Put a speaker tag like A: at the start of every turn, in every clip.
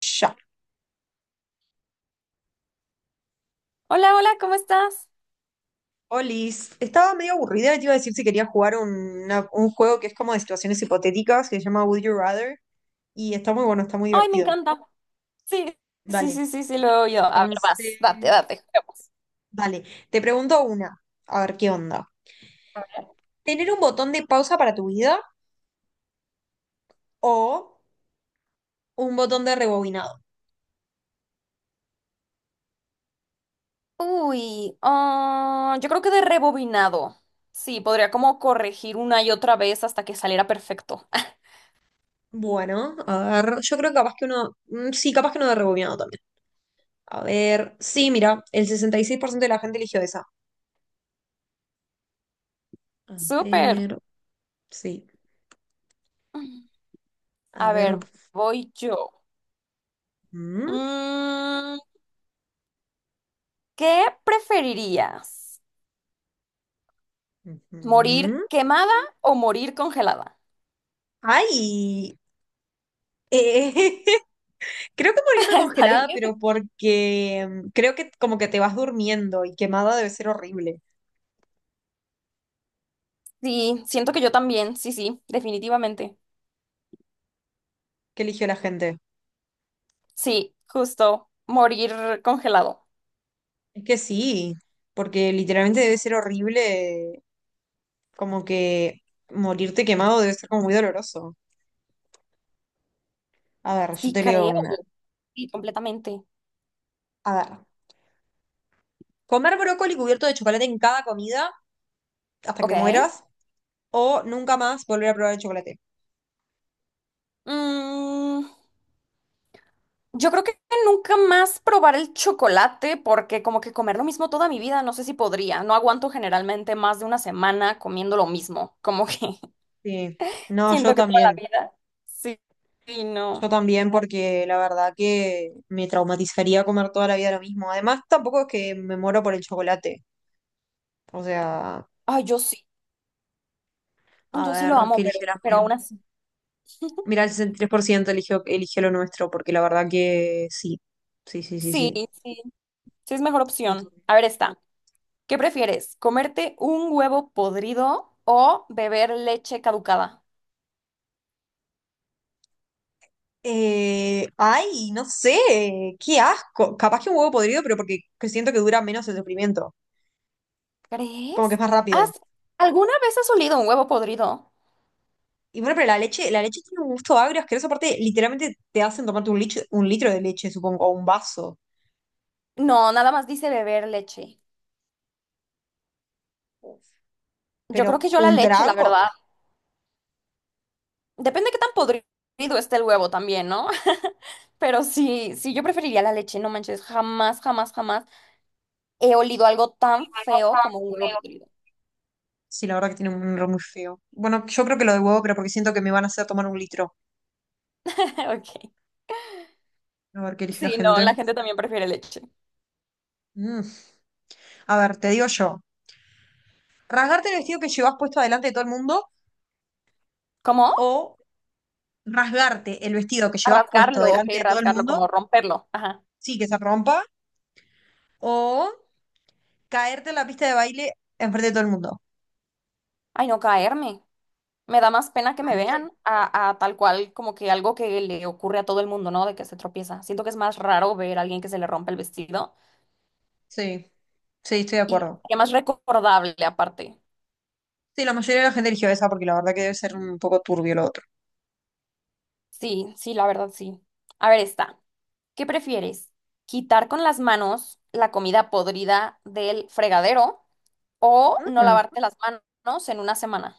A: Ya.
B: Hola, hola, ¿cómo estás?
A: Olis, estaba medio aburrida y te iba a decir si quería jugar un juego que es como de situaciones hipotéticas, que se llama Would You Rather, y está muy bueno, está muy
B: Ay, me
A: divertido.
B: encanta. Sí, sí,
A: Vale,
B: sí, sí, sí, lo he oído. A ver, vas,
A: entonces,
B: date, date, juguemos.
A: vale, te pregunto una, a ver qué onda. ¿Tener un botón de pausa para tu vida o un botón de rebobinado?
B: Uy, ah, yo creo que de rebobinado. Sí, podría como corregir una y otra vez hasta que saliera perfecto.
A: Bueno, a ver, yo creo que capaz que uno, sí, capaz que uno de rebobinado también. A ver, sí, mira, el 66% de la gente eligió esa. A
B: Súper.
A: ver, sí, a
B: A
A: ver.
B: ver, voy yo.
A: Mm.
B: Mm, ¿qué preferirías? ¿Morir
A: Ujú.
B: quemada o morir congelada?
A: Ay, eh, creo que morirme
B: Está
A: congelada,
B: difícil.
A: pero porque creo que como que te vas durmiendo y quemada debe ser horrible.
B: Sí, siento que yo también, sí, sí, definitivamente.
A: ¿Qué eligió la gente?
B: Sí, justo, morir congelado.
A: Es que sí, porque literalmente debe ser horrible, como que morirte quemado debe ser como muy doloroso. A ver, yo
B: Sí,
A: te leo
B: creo.
A: una.
B: Sí, completamente.
A: A ver, comer brócoli cubierto de chocolate en cada comida hasta que te
B: Ok.
A: mueras o nunca más volver a probar el chocolate.
B: Mm, yo creo que nunca más probar el chocolate porque como que comer lo mismo toda mi vida, no sé si podría. No aguanto generalmente más de una semana comiendo lo mismo. Como que
A: Sí, no, yo
B: siento que toda la
A: también.
B: vida. Sí, sí,
A: Yo
B: no.
A: también, porque la verdad que me traumatizaría comer toda la vida lo mismo. Además, tampoco es que me muero por el chocolate. O sea,
B: Ay, yo sí.
A: a
B: Yo sí lo
A: ver qué
B: amo, pero,
A: eligió la
B: pero aún
A: gente.
B: así.
A: Mira, el 63% eligió lo nuestro, porque la verdad que sí. Sí, sí, sí,
B: Sí,
A: sí.
B: sí. Sí es mejor
A: Muy
B: opción.
A: turbio.
B: A ver, esta. ¿Qué prefieres? ¿Comerte un huevo podrido o beber leche caducada?
A: Ay, no sé, qué asco. Capaz que un huevo podrido, pero porque que siento que dura menos el sufrimiento. Como que es
B: ¿Crees?
A: más rápido.
B: ¿Has alguna vez has olido un huevo podrido?
A: Y bueno, pero la leche tiene un gusto agrio, asqueroso. Aparte, literalmente te hacen tomarte 1 litro de leche, supongo, o un vaso.
B: No, nada más dice beber leche. Yo
A: Pero
B: creo que yo la
A: un
B: leche, la
A: trago.
B: verdad. Depende qué tan podrido esté el huevo también, ¿no? Pero sí, sí, yo preferiría la leche, no manches. Jamás, jamás, jamás he olido algo tan feo como un huevo podrido.
A: Sí, la verdad que tiene un nombre muy feo. Bueno, yo creo que lo de huevo, pero porque siento que me van a hacer tomar 1 litro.
B: Ok.
A: A ver qué elige la
B: Sí, no,
A: gente.
B: la gente también prefiere leche.
A: Mm. A ver, te digo yo. ¿Rasgarte el vestido que llevas puesto delante de todo el mundo
B: ¿Cómo?
A: o rasgarte el vestido que
B: A
A: llevas puesto
B: rasgarlo, ok,
A: delante de todo el
B: rasgarlo,
A: mundo?
B: como romperlo. Ajá.
A: Sí, que se rompa. O caerte en la pista de baile enfrente de todo el mundo.
B: Ay, no caerme. Me da más pena que me
A: ¿Caerte?
B: vean a tal cual como que algo que le ocurre a todo el mundo, ¿no? De que se tropieza. Siento que es más raro ver a alguien que se le rompe el vestido
A: Sí, sí, estoy de
B: y
A: acuerdo.
B: que más recordable aparte.
A: Sí, la mayoría de la gente eligió esa porque la verdad que debe ser un poco turbio lo otro.
B: Sí, sí, la verdad sí. A ver, está. ¿Qué prefieres? ¿Quitar con las manos la comida podrida del fregadero o no
A: Mm.
B: lavarte las manos en una semana?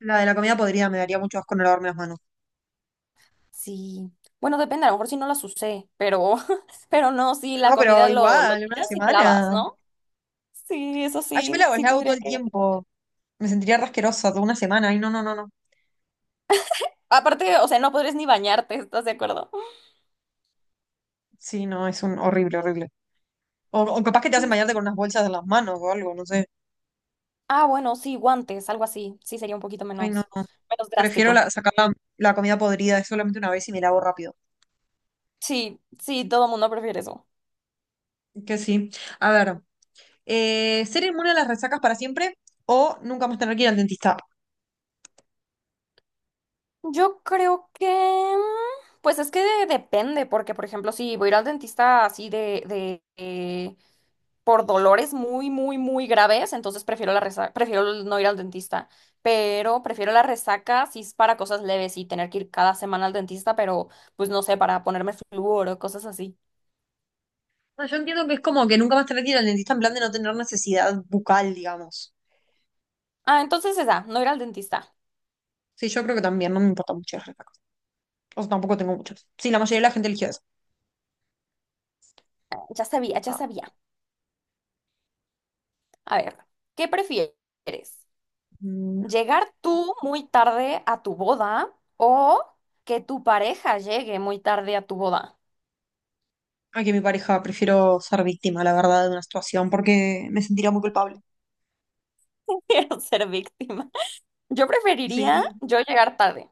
A: La de la comida podría, me daría mucho asco no lavarme las manos.
B: Sí. Bueno, depende, a lo mejor si no las usé, pero, pero no, sí, la
A: No, pero
B: comida lo
A: igual, una
B: tiras y te lavas,
A: semana.
B: ¿no? Sí, eso
A: Ay, yo me
B: sí,
A: lavo,
B: sí
A: lavo todo
B: tendría
A: el
B: que
A: tiempo. Me sentiría rasquerosa toda 1 semana. Ay, no, no, no, no.
B: aparte, o sea, no podrías ni bañarte, ¿estás de acuerdo?
A: Sí, no, es un horrible, horrible. O capaz que te hacen bañarte con unas bolsas en las manos o algo, no sé.
B: Ah, bueno, sí, guantes, algo así. Sí, sería un poquito
A: Ay, no,
B: menos,
A: no.
B: menos
A: Prefiero la-
B: drástico.
A: sacar la, la comida podrida es solamente una vez y me lavo rápido.
B: Sí, sí, todo mundo prefiere eso.
A: Que sí. A ver, ¿ser inmune a las resacas para siempre o nunca más tener que ir al dentista?
B: Yo creo que, mm, pues es que depende, porque por ejemplo, si voy a ir al dentista así por dolores muy, muy, muy graves, entonces prefiero la resaca, prefiero no ir al dentista. Pero prefiero la resaca si es para cosas leves y tener que ir cada semana al dentista, pero pues no sé, para ponerme flúor o cosas así.
A: No, yo entiendo que es como que nunca más tener que ir al dentista en plan de no tener necesidad bucal, digamos.
B: Ah, entonces esa, no ir al dentista.
A: Sí, yo creo que también no me importa mucho las respuestas. O sea, tampoco tengo muchas. Sí, la mayoría de la gente eligió eso.
B: Ya sabía, ya
A: Ah,
B: sabía. A ver, ¿qué prefieres?
A: mm,
B: ¿Llegar tú muy tarde a tu boda o que tu pareja llegue muy tarde a tu boda?
A: aquí mi pareja, prefiero ser víctima, la verdad, de una situación porque me sentiría muy culpable.
B: Quiero ser víctima. Yo preferiría
A: Sí.
B: yo llegar tarde.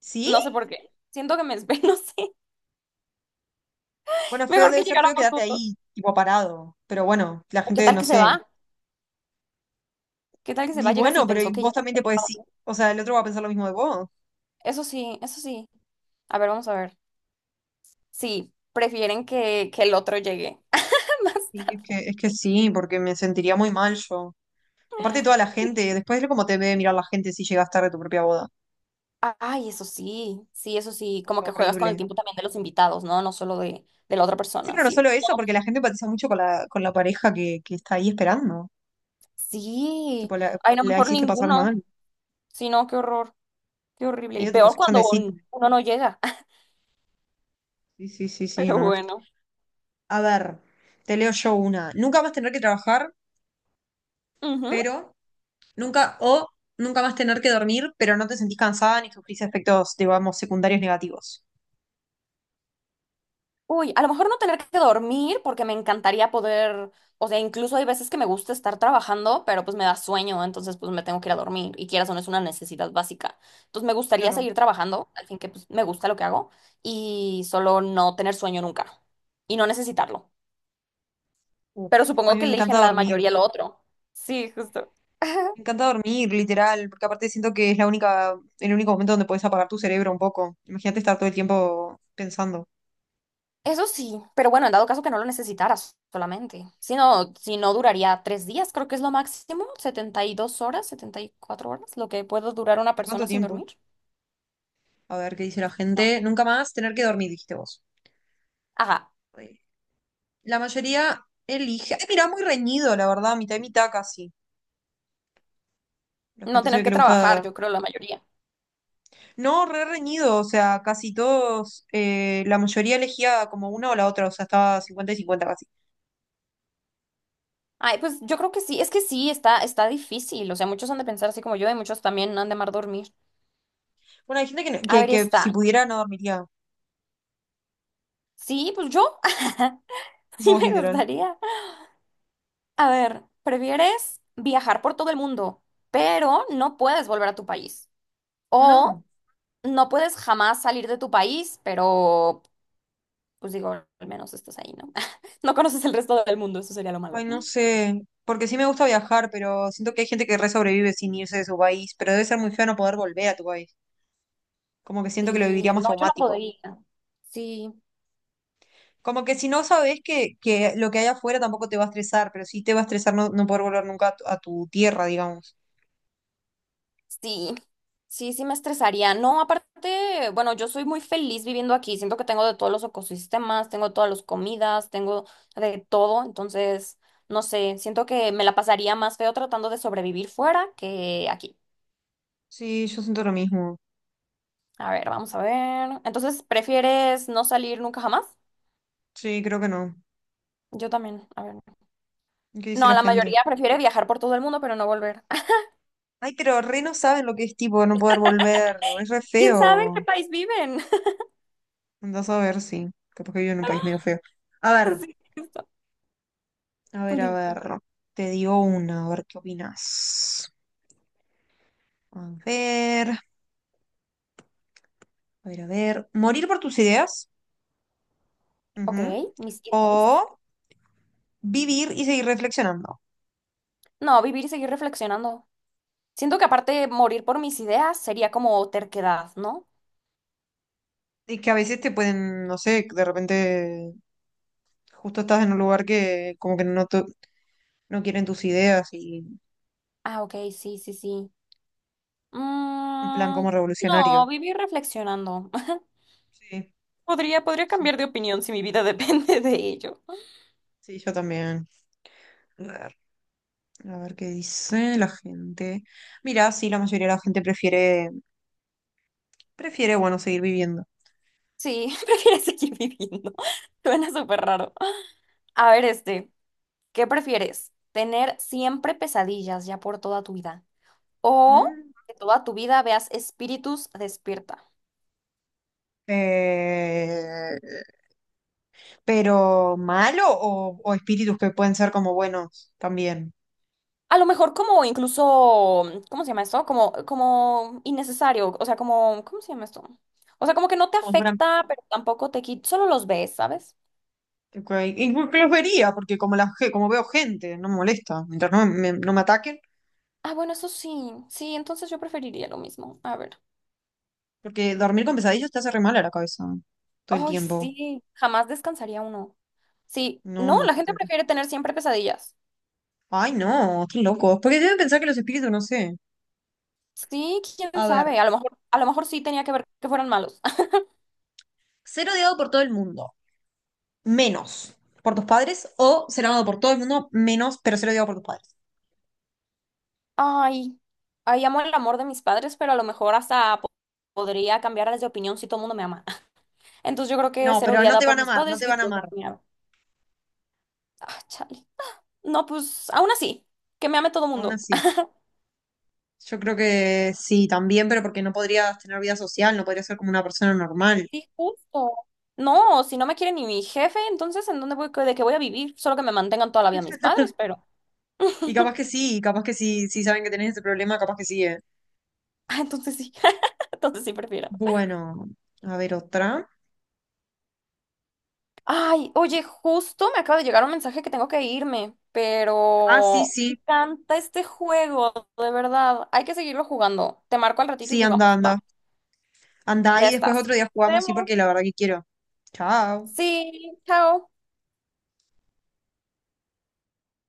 A: ¿Sí?
B: No sé por qué. Siento que no sé.
A: Bueno, feo
B: Mejor
A: debe
B: que
A: ser feo
B: llegáramos
A: quedarte
B: juntos.
A: ahí, tipo parado. Pero bueno, la
B: ¿O ¿qué
A: gente,
B: tal
A: no
B: que se
A: sé.
B: va? ¿Qué tal que se
A: Y
B: va? Llega si
A: bueno, pero y
B: pensó que ya
A: vos también te
B: había
A: podés decir.
B: estado.
A: O sea, el otro va a pensar lo mismo de vos.
B: Eso sí, eso sí. A ver, vamos a ver. Sí, prefieren que el otro llegue. Más
A: Sí, es
B: tarde.
A: que, es que sí, porque me sentiría muy mal yo. Aparte de toda la gente, después de cómo te debe mirar la gente si llegas tarde a tu propia boda.
B: Ah, ay, eso sí, sí, eso sí,
A: O
B: como
A: sea,
B: que juegas con el
A: horrible.
B: tiempo también de los invitados, ¿no? No solo de la otra
A: Sí,
B: persona,
A: pero no solo
B: sí. No,
A: eso, porque la gente empatiza mucho con con la pareja que está ahí esperando.
B: sí,
A: Tipo,
B: ay, no,
A: la
B: mejor
A: hiciste pasar
B: ninguno,
A: mal.
B: sí, no, qué horror, qué horrible. Y
A: Medio tipo
B: peor
A: Sex and
B: cuando
A: the City.
B: uno no llega,
A: Sí, sí, sí, sí,
B: pero
A: no.
B: bueno.
A: A ver, te leo yo una. Nunca más tener que trabajar,
B: Ujú.
A: pero nunca, o nunca más tener que dormir, pero no te sentís cansada ni sufrís efectos, digamos, secundarios negativos.
B: Uy, a lo mejor no tener que dormir porque me encantaría poder, o sea, incluso hay veces que me gusta estar trabajando, pero pues me da sueño, entonces pues me tengo que ir a dormir y quieras o no es una necesidad básica. Entonces me gustaría
A: Claro.
B: seguir trabajando, al fin que pues me gusta lo que hago y solo no tener sueño nunca y no necesitarlo.
A: Uf,
B: Pero
A: a
B: supongo
A: mí me
B: que eligen
A: encanta
B: la
A: dormir.
B: mayoría lo otro. Sí, justo.
A: Me encanta dormir, literal, porque aparte siento que es la única, el único momento donde puedes apagar tu cerebro un poco. Imagínate estar todo el tiempo pensando.
B: Eso sí, pero bueno, en dado caso que no lo necesitaras solamente. Si no, si no duraría 3 días, creo que es lo máximo, 72 horas, 74 horas, lo que puede durar una
A: ¿De cuánto
B: persona sin
A: tiempo?
B: dormir.
A: A ver qué dice la gente.
B: No.
A: Nunca más tener que dormir, dijiste vos.
B: Ajá,
A: Eh, La mayoría elige. Ay, mira, muy reñido, la verdad, mitad y mitad casi. La
B: no
A: gente se
B: tener
A: ve que
B: que
A: le
B: trabajar,
A: gusta.
B: yo creo la mayoría.
A: No, re reñido, o sea, casi todos, la mayoría elegía como una o la otra, o sea, estaba 50-50 casi.
B: Ay, pues yo creo que sí, es que sí, está, está difícil. O sea, muchos han de pensar así como yo y muchos también han de amar dormir.
A: Bueno, hay gente que,
B: A ver,
A: que si
B: está.
A: pudiera no dormiría.
B: Sí, pues yo. Sí
A: Vos,
B: me
A: literal.
B: gustaría. A ver, ¿prefieres viajar por todo el mundo, pero no puedes volver a tu país, o
A: No,
B: no puedes jamás salir de tu país, pero pues digo, al menos estás ahí, ¿no? No conoces el resto del mundo, eso sería lo
A: ay,
B: malo.
A: no sé. Porque sí me gusta viajar, pero siento que hay gente que re sobrevive sin irse de su país, pero debe ser muy feo no poder volver a tu país. Como que siento que lo viviría
B: Sí,
A: más
B: no, yo no
A: traumático.
B: podría. Sí,
A: Como que si no sabes que lo que hay afuera tampoco te va a estresar, pero sí te va a estresar no poder volver nunca a a tu tierra, digamos.
B: sí, sí, sí me estresaría. No, aparte, bueno, yo soy muy feliz viviendo aquí. Siento que tengo de todos los ecosistemas, tengo todas las comidas, tengo de todo. Entonces, no sé, siento que me la pasaría más feo tratando de sobrevivir fuera que aquí.
A: Sí, yo siento lo mismo.
B: A ver, vamos a ver. Entonces, ¿prefieres no salir nunca jamás?
A: Sí, creo que no.
B: Yo también. A ver.
A: ¿Qué dice
B: No,
A: la
B: la
A: gente?
B: mayoría prefiere viajar por todo el mundo, pero no volver.
A: Ay, pero re no saben lo que es tipo no poder volver. Es re
B: ¿Quién sabe en
A: feo.
B: qué país viven?
A: Andás a ver, sí. Capaz que vivo en un país medio feo. A ver,
B: Sí, esto.
A: a
B: Dime.
A: ver. Te digo una, a ver qué opinas. A ver, a ver. ¿Morir por tus ideas?
B: Ok,
A: Ujú.
B: mis
A: O
B: ideales.
A: vivir y seguir reflexionando.
B: No, vivir y seguir reflexionando. Siento que aparte morir por mis ideas sería como terquedad, ¿no?
A: Y que a veces te pueden, no sé, de repente justo estás en un lugar que como que no, no quieren tus ideas y
B: Ah, ok, sí, sí, sí.
A: en plan
B: Mm,
A: como
B: no,
A: revolucionario.
B: vivir reflexionando.
A: Sí,
B: Podría, podría
A: sí,
B: cambiar de opinión si mi vida depende de ello.
A: sí, yo también. A ver, a ver qué dice la gente. Mira, sí, la mayoría de la gente prefiere, bueno, seguir viviendo.
B: Sí, prefiero seguir viviendo. Suena súper raro. A ver, este, ¿qué prefieres? ¿Tener siempre pesadillas ya por toda tu vida, o
A: Mm,
B: que toda tu vida veas espíritus despierta?
A: eh, pero malo o espíritus que pueden ser como buenos también.
B: A lo mejor como incluso, ¿cómo se llama esto? Como, como innecesario, o sea, como, ¿cómo se llama esto? O sea, como que no te
A: Como si fueran.
B: afecta, pero tampoco te quita, solo los ves, ¿sabes?
A: Ok, incluso los vería, porque como como veo gente, no me molesta. Mientras no me ataquen,
B: Ah, bueno, eso sí, sí, entonces yo preferiría lo mismo. A ver.
A: porque dormir con pesadillas te hace re mal a la cabeza todo el
B: Ay,
A: tiempo.
B: sí, jamás descansaría uno. Sí,
A: No,
B: no,
A: no,
B: la gente
A: horrible.
B: prefiere tener siempre pesadillas.
A: Ay, no, qué locos. Porque deben pensar que los espíritus, no sé.
B: Sí, quién
A: A ver,
B: sabe, a lo mejor sí tenía que ver que fueran malos.
A: ser odiado por todo el mundo, menos por tus padres, o ser amado por todo el mundo, menos, pero ser odiado por tus padres.
B: Ay, ay, amo el amor de mis padres, pero a lo mejor hasta podría cambiarles de opinión si todo el mundo me ama. Entonces yo creo que
A: No,
B: ser
A: pero no
B: odiada
A: te
B: por
A: van a
B: mis
A: amar, no
B: padres y
A: te
B: que
A: van a
B: todo el
A: amar,
B: mundo me ama. Ah, chale. No, pues aún así, que me ame todo el
A: aún
B: mundo.
A: así. Yo creo que sí, también, pero porque no podrías tener vida social, no podrías ser como una persona normal.
B: Sí, justo. No, si no me quiere ni mi jefe, entonces ¿en dónde voy, de qué voy a vivir? Solo que me mantengan toda la vida mis padres, pero...
A: Y capaz que sí, sí saben que tenés ese problema, capaz que sí, eh.
B: Ah, entonces sí, entonces sí prefiero.
A: Bueno, a ver otra.
B: Ay, oye, justo me acaba de llegar un mensaje que tengo que irme,
A: Ah, sí,
B: pero me
A: sí,
B: encanta este juego, de verdad. Hay que seguirlo jugando. Te marco al ratito y
A: sí, anda,
B: jugamos,
A: anda.
B: ¿va?
A: Anda
B: Ya
A: y después
B: estás.
A: otro día
B: Nos
A: jugamos, sí,
B: vemos.
A: porque la verdad que quiero. Chao.
B: Sí, chao.